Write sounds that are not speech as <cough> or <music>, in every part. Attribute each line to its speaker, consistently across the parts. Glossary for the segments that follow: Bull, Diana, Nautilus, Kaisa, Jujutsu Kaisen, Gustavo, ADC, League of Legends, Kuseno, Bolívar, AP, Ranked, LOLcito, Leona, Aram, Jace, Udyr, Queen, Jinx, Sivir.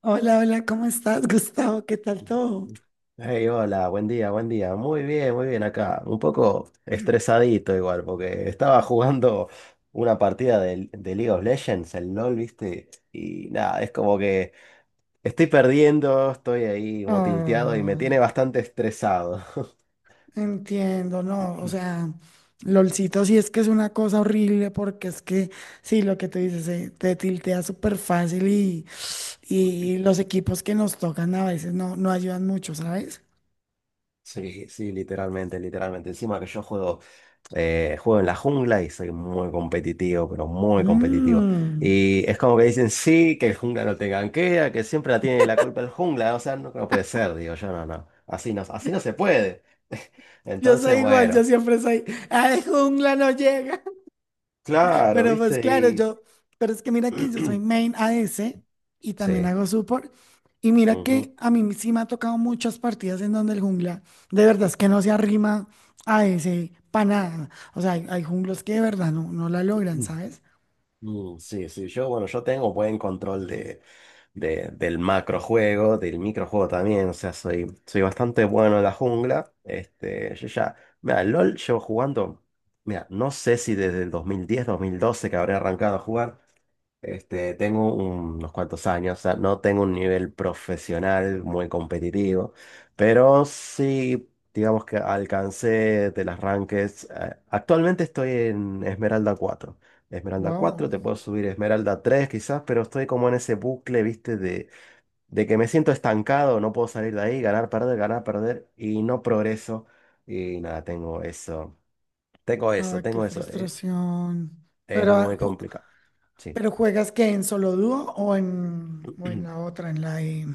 Speaker 1: Hola, hola, ¿cómo estás, <laughs> Gustavo? ¿Qué tal todo?
Speaker 2: Hey, hola, buen día, buen día. Muy bien acá. Un poco estresadito igual, porque estaba jugando una partida de League of Legends, el LOL, ¿viste? Y nada, es como que estoy perdiendo, estoy ahí como tilteado y me
Speaker 1: Ah,
Speaker 2: tiene bastante estresado. <laughs>
Speaker 1: entiendo, no, o sea, LOLcito sí es que es una cosa horrible porque es que, sí, lo que tú dices, te tiltea súper fácil y los equipos que nos tocan a veces no ayudan mucho, ¿sabes?
Speaker 2: Sí, sí, literalmente, literalmente. Encima que yo juego en la jungla y soy muy competitivo, pero muy competitivo.
Speaker 1: Mm,
Speaker 2: Y es como que dicen, sí, que el jungla no te gankea, que siempre la tiene la culpa el jungla. O sea, no, no puede ser, digo yo, no, no. Así no, así no se puede. <laughs>
Speaker 1: yo
Speaker 2: Entonces,
Speaker 1: soy igual, yo
Speaker 2: bueno,
Speaker 1: siempre soy, ah, de jungla no llega.
Speaker 2: claro,
Speaker 1: Pero pues
Speaker 2: ¿viste?
Speaker 1: claro,
Speaker 2: Y...
Speaker 1: pero es que mira que yo soy main
Speaker 2: <clears throat>
Speaker 1: ADC y también
Speaker 2: Sí.
Speaker 1: hago support. Y mira
Speaker 2: Ujú.
Speaker 1: que a mí sí me ha tocado muchas partidas en donde el jungla, de verdad es que no se arrima a ese para nada. O sea, hay junglos que de verdad no la logran, ¿sabes?
Speaker 2: Mm, sí, sí, yo, bueno, yo tengo buen control del macrojuego, del microjuego también, o sea, soy bastante bueno en la jungla, este, yo ya, mira, LOL llevo jugando, mira, no sé si desde el 2010, 2012, que habré arrancado a jugar, este, tengo unos cuantos años, o sea, no tengo un nivel profesional muy competitivo, pero sí, digamos que alcancé de las rankings. Actualmente estoy en Esmeralda
Speaker 1: Wow.
Speaker 2: cuatro te puedo subir Esmeralda tres quizás, pero estoy como en ese bucle, viste, de que me siento estancado, no puedo salir de ahí, ganar, perder, y no progreso. Y nada, tengo eso, tengo eso,
Speaker 1: Ay, qué
Speaker 2: tengo eso.
Speaker 1: frustración.
Speaker 2: Es
Speaker 1: Pero
Speaker 2: muy complicado. Sí.
Speaker 1: juegas que en solo dúo o en la
Speaker 2: <clears throat>
Speaker 1: otra,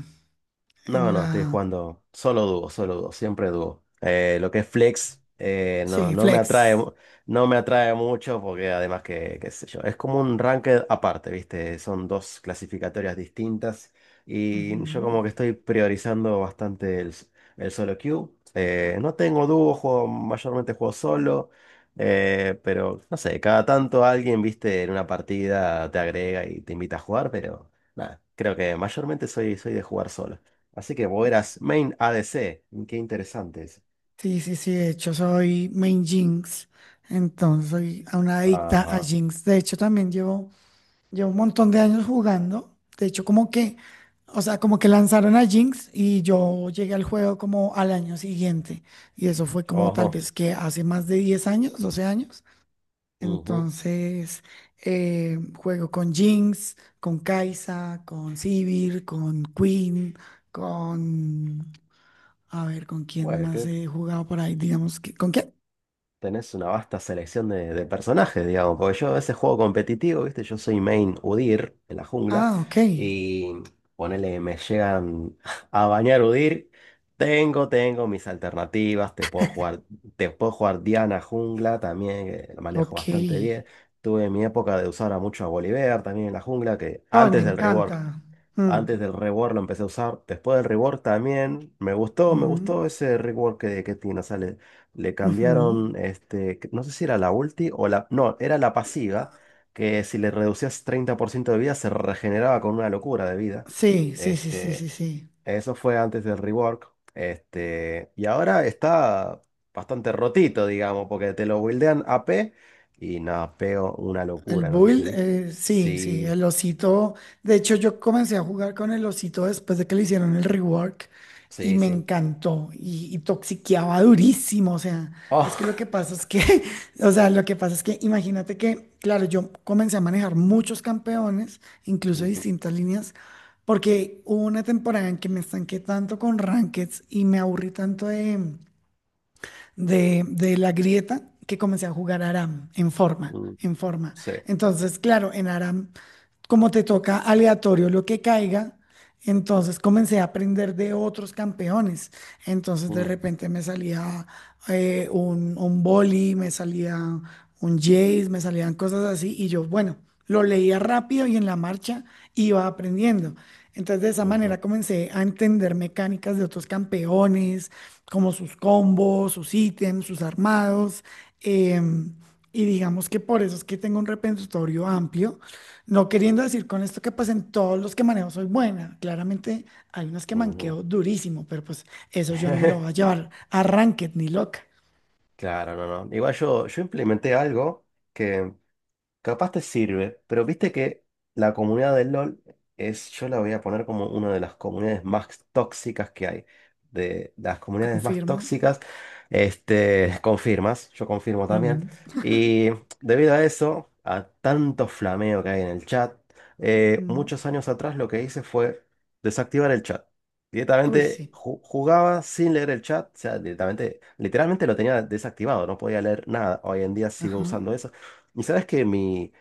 Speaker 2: No,
Speaker 1: en
Speaker 2: no, estoy
Speaker 1: la,
Speaker 2: jugando solo dúo, siempre dúo. Lo que es flex no,
Speaker 1: sí,
Speaker 2: no me
Speaker 1: flex.
Speaker 2: atrae, no me atrae mucho porque además que, qué sé yo, es como un ranked aparte, ¿viste? Son dos clasificatorias distintas y yo
Speaker 1: Ujú.
Speaker 2: como que estoy priorizando bastante el solo queue. No tengo dúo, mayormente juego solo, pero no sé, cada tanto alguien, ¿viste? En una partida te agrega y te invita a jugar, pero nada, creo que mayormente soy de jugar solo. Así que vos eras main ADC. Qué interesante eso.
Speaker 1: Sí, sí, sí, de hecho soy main Jinx, entonces soy a una adicta a
Speaker 2: Ajá.
Speaker 1: Jinx. De hecho también llevo un montón de años jugando. De hecho como que, o sea, como que lanzaron a Jinx y yo llegué al juego como al año siguiente. Y eso fue como tal
Speaker 2: Ojo.
Speaker 1: vez que hace más de 10 años, 12 años.
Speaker 2: Ujú.
Speaker 1: Entonces, juego con Jinx, con Kaisa, con Sivir, con Queen, con... A ver, ¿con quién
Speaker 2: Bueno,
Speaker 1: más
Speaker 2: que
Speaker 1: he jugado por ahí? Digamos que... ¿Con qué?
Speaker 2: tenés una vasta selección de personajes, digamos. Porque yo a veces juego competitivo, ¿viste? Yo soy main Udyr en la jungla.
Speaker 1: Ah, ok,
Speaker 2: Y ponele, me llegan a bañar Udyr. Tengo mis alternativas. Te puedo jugar Diana jungla también, que la manejo
Speaker 1: ok.
Speaker 2: bastante bien. Tuve mi época de usar a mucho a Bolívar también en la jungla, que
Speaker 1: Ay, me
Speaker 2: antes del rework
Speaker 1: encanta. Mm,
Speaker 2: Antes del rework lo empecé a usar. Después del rework también. Me gustó
Speaker 1: ujú,
Speaker 2: ese rework que tiene. O sea, le
Speaker 1: ujú.
Speaker 2: cambiaron, este, no sé si era la ulti o la... No, era la pasiva, que si le reducías 30% de vida se regeneraba con una locura de vida.
Speaker 1: Sí, sí, sí, sí, sí,
Speaker 2: Este,
Speaker 1: sí.
Speaker 2: eso fue antes del rework. Este, y ahora está bastante rotito, digamos, porque te lo buildean AP y no, pego una
Speaker 1: El
Speaker 2: locura, no sé si
Speaker 1: Bull,
Speaker 2: viste.
Speaker 1: sí, sí,
Speaker 2: Sí,
Speaker 1: el osito. De hecho, yo comencé a jugar con el osito después de que le hicieron el rework y
Speaker 2: sí,
Speaker 1: me
Speaker 2: sí.
Speaker 1: encantó y toxiqueaba durísimo. O sea, es que lo que
Speaker 2: Oh.
Speaker 1: pasa es que, <laughs> o sea, lo que pasa es que imagínate que, claro, yo comencé a manejar muchos campeones, incluso de
Speaker 2: <laughs>
Speaker 1: distintas líneas, porque hubo una temporada en que me estanqué tanto con rankeds y me aburrí tanto de la grieta que comencé a jugar Aram en forma,
Speaker 2: Mm,
Speaker 1: en forma.
Speaker 2: sí.
Speaker 1: Entonces, claro, en Aram como te toca aleatorio lo que caiga, entonces comencé a aprender de otros campeones. Entonces de
Speaker 2: Mm,
Speaker 1: repente me salía un boli, me salía un Jace, me salían cosas así y yo, bueno, lo leía rápido y en la marcha iba aprendiendo. Entonces de esa
Speaker 2: ujú,
Speaker 1: manera comencé a entender mecánicas de otros campeones, como sus combos, sus ítems, sus armados. em, y digamos que por eso es que tengo un repertorio amplio no queriendo decir con esto que pues en todos los que manejo soy buena. Claramente hay unos que
Speaker 2: ujú.
Speaker 1: manqueo durísimo, pero pues eso yo no me lo voy a
Speaker 2: <laughs>
Speaker 1: llevar a Ranked ni loca.
Speaker 2: Claro, no, no. Igual yo, implementé algo que capaz te sirve, pero viste que la comunidad del LOL yo la voy a poner como una de las comunidades más tóxicas que hay. De las comunidades más
Speaker 1: Confirmo.
Speaker 2: tóxicas, este, confirmas, yo confirmo también.
Speaker 1: Ujú,
Speaker 2: Y debido a eso, a tanto flameo que hay en el chat,
Speaker 1: ujú.
Speaker 2: muchos años atrás lo que hice fue desactivar el chat.
Speaker 1: Uy,
Speaker 2: Directamente
Speaker 1: sí.
Speaker 2: jugaba sin leer el chat, o sea, directamente, literalmente lo tenía desactivado, no podía leer nada. Hoy en día sigo
Speaker 1: Ajá.
Speaker 2: usando eso. ¿Y sabes que mi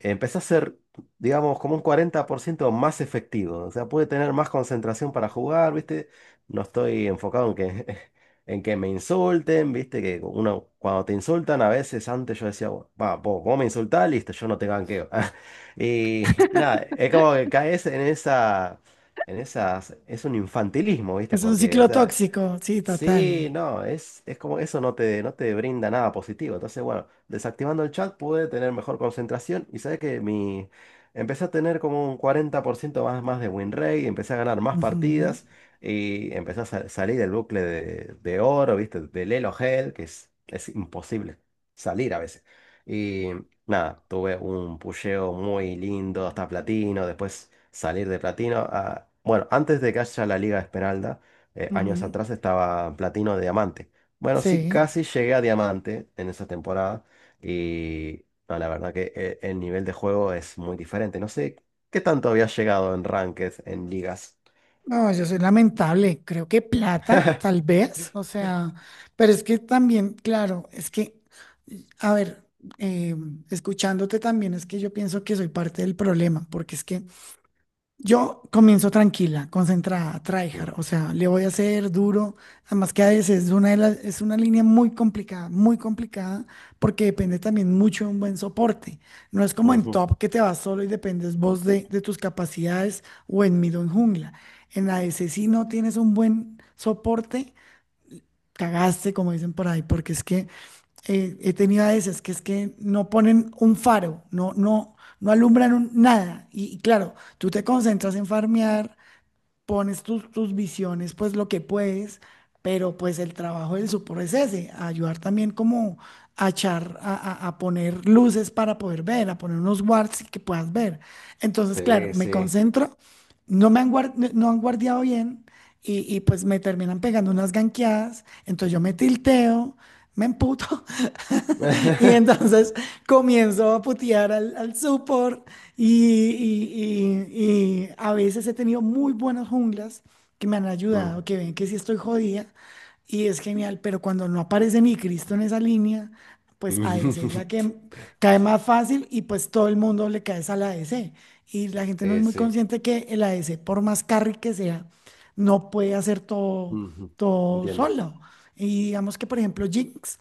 Speaker 2: empecé a ser, digamos, como un 40% más efectivo? O sea, pude tener más concentración para jugar, ¿viste? No estoy enfocado en que, <laughs> en que me insulten, ¿viste? Que uno, cuando te insultan, a veces antes yo decía, va, vos me insultás, listo, yo no te ganqueo. <laughs> Y nada, es como que caes en esas, es un infantilismo, ¿viste?
Speaker 1: Es un
Speaker 2: Porque, o
Speaker 1: ciclo
Speaker 2: sea,
Speaker 1: tóxico, sí,
Speaker 2: sí,
Speaker 1: total.
Speaker 2: no, es como eso no te brinda nada positivo. Entonces, bueno, desactivando el chat pude tener mejor concentración y sabes que empecé a tener como un 40% más de win rate, empecé a ganar más
Speaker 1: Ujú,
Speaker 2: partidas y empecé a salir del bucle de oro, ¿viste? Del Elo Hell, que es imposible salir a veces. Y nada, tuve un pusheo muy lindo hasta platino, después salir de platino a... Bueno, antes de que haya la Liga Esmeralda años
Speaker 1: ujú.
Speaker 2: atrás estaba platino de diamante. Bueno, sí,
Speaker 1: Sí.
Speaker 2: casi llegué a diamante en esa temporada y no, la verdad que el nivel de juego es muy diferente. No sé qué tanto había llegado en ranked, en ligas.
Speaker 1: No, yo soy lamentable. Creo que plata, tal vez. O sea, pero es que también, claro, es que, a ver, eh, escuchándote también es que yo pienso que soy parte del problema, porque es que yo comienzo tranquila, concentrada,
Speaker 2: Mm,
Speaker 1: tryhard, o sea, le voy a hacer duro, además que a veces es una línea muy complicada, porque depende también mucho de un buen soporte. No es como en
Speaker 2: ujú.
Speaker 1: top que te vas solo y dependes vos de tus capacidades o en mid o en jungla. En ADC si no tienes un buen soporte, cagaste, como dicen por ahí, porque es que he tenido a esas, que es que no ponen un faro, no alumbran nada. Y claro, tú te concentras en farmear, pones tus visiones, pues lo que puedes, pero pues el trabajo del supor es ese, ayudar también como a echar, a poner luces para poder ver, a poner unos wards y que puedas ver. Entonces, claro,
Speaker 2: Sí,
Speaker 1: me
Speaker 2: sí.
Speaker 1: concentro, no han guardiado bien. Y pues me terminan pegando unas ganqueadas, entonces yo me tilteo, me emputo <laughs> Y
Speaker 2: <laughs>
Speaker 1: entonces comienzo a putear al support y, y a veces he tenido muy buenas junglas que me han ayudado,
Speaker 2: Mm.
Speaker 1: que ven que sí estoy jodida y es genial, pero cuando no aparece ni Cristo en esa línea, pues ADC es la que
Speaker 2: <laughs>
Speaker 1: cae más fácil y pues todo el mundo le cae a la ADC. Y la gente no es muy
Speaker 2: Sí.
Speaker 1: consciente que el ADC, por más carry que sea, no puede hacer todo,
Speaker 2: Ujú.
Speaker 1: todo
Speaker 2: Entiendo.
Speaker 1: solo. Y digamos que, por ejemplo, Jinx.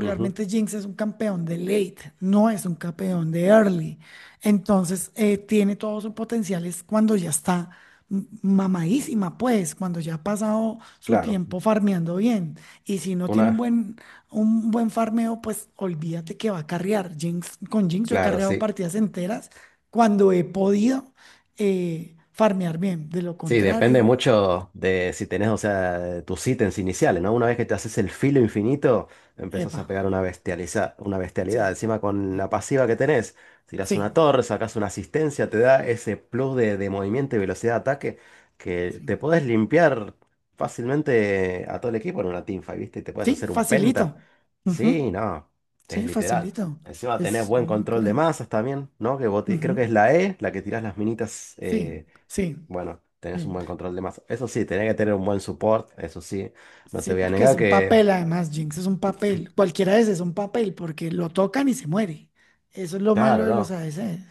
Speaker 2: Ujú.
Speaker 1: Jinx es un campeón de late, no es un campeón de early. Entonces, tiene todo su potencial es cuando ya está mamadísima, pues, cuando ya ha pasado su
Speaker 2: Claro,
Speaker 1: tiempo farmeando bien. Y si no tiene un
Speaker 2: una,
Speaker 1: buen, un buen farmeo, pues olvídate que va a carrear. Jinx, con Jinx yo he
Speaker 2: claro,
Speaker 1: carreado
Speaker 2: sí.
Speaker 1: partidas enteras cuando he podido farmear bien. De lo
Speaker 2: Sí, depende
Speaker 1: contrario,
Speaker 2: mucho de si tenés, o sea, tus ítems iniciales, ¿no? Una vez que te haces el filo infinito, empezás
Speaker 1: epa,
Speaker 2: a pegar una bestialidad.
Speaker 1: sí,
Speaker 2: Encima con
Speaker 1: sí,
Speaker 2: la pasiva que tenés, tirás una
Speaker 1: sí.
Speaker 2: torre, sacás una asistencia, te da ese plus de movimiento y velocidad de ataque que
Speaker 1: Sí.
Speaker 2: te podés limpiar fácilmente a todo el equipo en una teamfight, ¿viste? Y te podés
Speaker 1: Sí,
Speaker 2: hacer un penta.
Speaker 1: facilito.
Speaker 2: Sí,
Speaker 1: Ujú.
Speaker 2: no, es
Speaker 1: Sí,
Speaker 2: literal.
Speaker 1: facilito.
Speaker 2: Encima tenés
Speaker 1: Es
Speaker 2: buen
Speaker 1: una
Speaker 2: control de
Speaker 1: locura.
Speaker 2: masas también, ¿no? Que vos
Speaker 1: Ujú.
Speaker 2: creo que es la E, la que tirás las minitas.
Speaker 1: Sí, sí,
Speaker 2: Bueno, tenés
Speaker 1: sí.
Speaker 2: un buen control de mazo. Eso sí, tenés que tener un buen support, eso sí. No te
Speaker 1: Sí,
Speaker 2: voy a
Speaker 1: porque es
Speaker 2: negar
Speaker 1: un
Speaker 2: que...
Speaker 1: papel, además, Jinx es un papel. Cualquiera de ese es un papel, porque lo tocan y se muere. Eso es lo malo
Speaker 2: Claro,
Speaker 1: de los
Speaker 2: no.
Speaker 1: ADCs.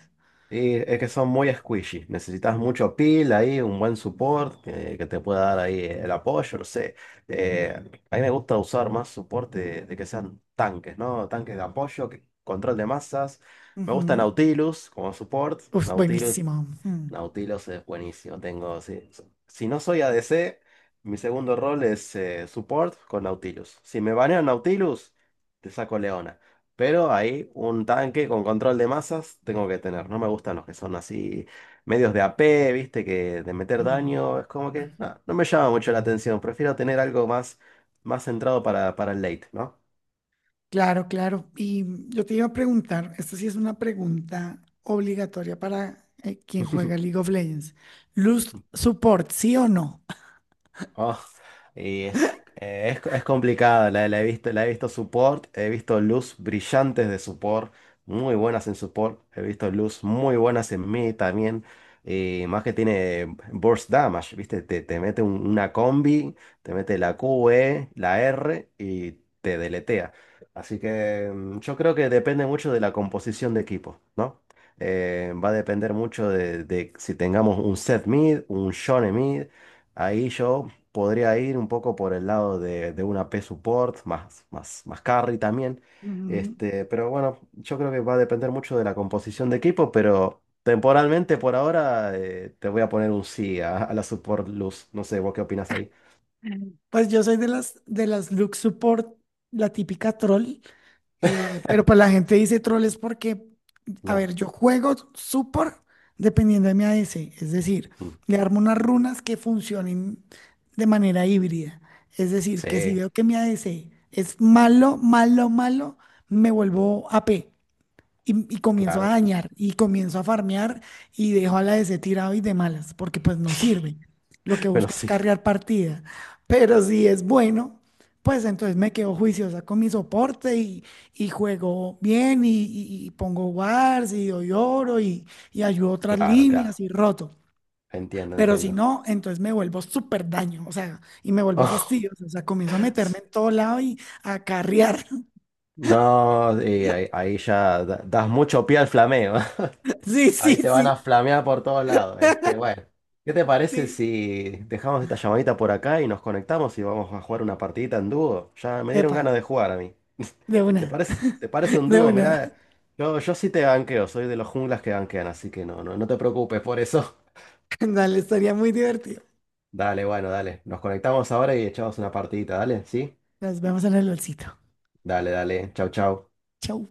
Speaker 2: Y es que son muy squishy. Necesitas mucho peel ahí, un buen support que te pueda dar ahí el apoyo, no sé. Eh, a mí me gusta usar más support de que sean tanques, ¿no? Tanques de apoyo, control de masas. Me gusta
Speaker 1: Ujú.
Speaker 2: Nautilus como support.
Speaker 1: Uf,
Speaker 2: Nautilus
Speaker 1: buenísimo. Mm,
Speaker 2: Nautilus es buenísimo. Tengo, sí. Si no soy ADC, mi segundo rol es support con Nautilus. Si me banean Nautilus, te saco Leona. Pero ahí un tanque con control de masas tengo que tener. No me gustan los que son así medios de AP, viste, que de meter
Speaker 1: mm.
Speaker 2: daño. Es como que no, no me llama mucho la atención. Prefiero tener algo más centrado para el late, ¿no?
Speaker 1: Claro, claro. Y yo te iba a preguntar, esta sí es una pregunta obligatoria para quien juega
Speaker 2: <laughs>
Speaker 1: League of Legends. ¿Luz support, sí o no?
Speaker 2: Oh, y es complicada, la he visto, la he visto support, he visto luz brillantes de support, muy buenas en support, he visto luz muy buenas en mid también, y más que tiene burst damage, ¿viste? Te mete una combi, te mete la QE, la R y te deletea. Así que yo creo que depende mucho de la composición de equipo, ¿no? Va a depender mucho de si tengamos un set mid, un Shone mid. Ahí yo podría ir un poco por el lado de una P support, más, más, más carry también.
Speaker 1: <laughs>
Speaker 2: Este, pero bueno, yo creo que va a depender mucho de la composición de equipo, pero temporalmente por ahora te voy a poner un sí a la support luz. No sé, ¿vos qué opinas ahí?
Speaker 1: Pues yo soy de las look support, la típica troll, pero pues la gente dice troll es porque, a
Speaker 2: No.
Speaker 1: ver, yo juego support dependiendo de mi ADC, es decir,
Speaker 2: Mm.
Speaker 1: le armo unas runas que funcionen de manera híbrida, es decir, que si
Speaker 2: Sí,
Speaker 1: veo que mi ADC es malo, malo, malo, me vuelvo AP, y comienzo a
Speaker 2: claro.
Speaker 1: dañar y comienzo a farmear y dejo a la DC tirado y de malas, porque pues no sirve. Lo que
Speaker 2: <laughs> Bueno,
Speaker 1: busco es
Speaker 2: sí,
Speaker 1: carrear partida. Pero si es bueno, pues entonces me quedo juiciosa con mi soporte y juego bien y pongo wars y doy oro y ayudo otras
Speaker 2: claro,
Speaker 1: líneas
Speaker 2: claro.
Speaker 1: y roto.
Speaker 2: Entiendo,
Speaker 1: Pero si
Speaker 2: entiendo.
Speaker 1: no, entonces me vuelvo súper daño, o sea, y me vuelvo fastidioso, o
Speaker 2: <laughs>
Speaker 1: sea, comienzo a meterme en todo lado y a carrear. <laughs>
Speaker 2: No, y ahí ya das mucho pie al flameo. <laughs>
Speaker 1: Sí,
Speaker 2: Ahí
Speaker 1: sí,
Speaker 2: te van a
Speaker 1: sí,
Speaker 2: flamear por todos lados. Este, bueno, ¿qué te parece
Speaker 1: sí.
Speaker 2: si dejamos esta llamadita por acá y nos conectamos y vamos a jugar una partidita en dúo? Ya me dieron
Speaker 1: Epa,
Speaker 2: ganas de jugar a mí.
Speaker 1: de
Speaker 2: <laughs> ¿Te
Speaker 1: una.
Speaker 2: parece, te parece un
Speaker 1: De
Speaker 2: dúo?
Speaker 1: una.
Speaker 2: Mirá,
Speaker 1: <laughs>
Speaker 2: yo sí te banqueo, soy de los junglas que banquean, así que no, no, no te preocupes por eso. <laughs>
Speaker 1: Dale, estaría muy divertido.
Speaker 2: Dale, bueno, dale. Nos conectamos ahora y echamos una partidita, dale, ¿sí?
Speaker 1: Nos vemos en el olcito.
Speaker 2: Dale, dale. Chau, chau.
Speaker 1: Chau.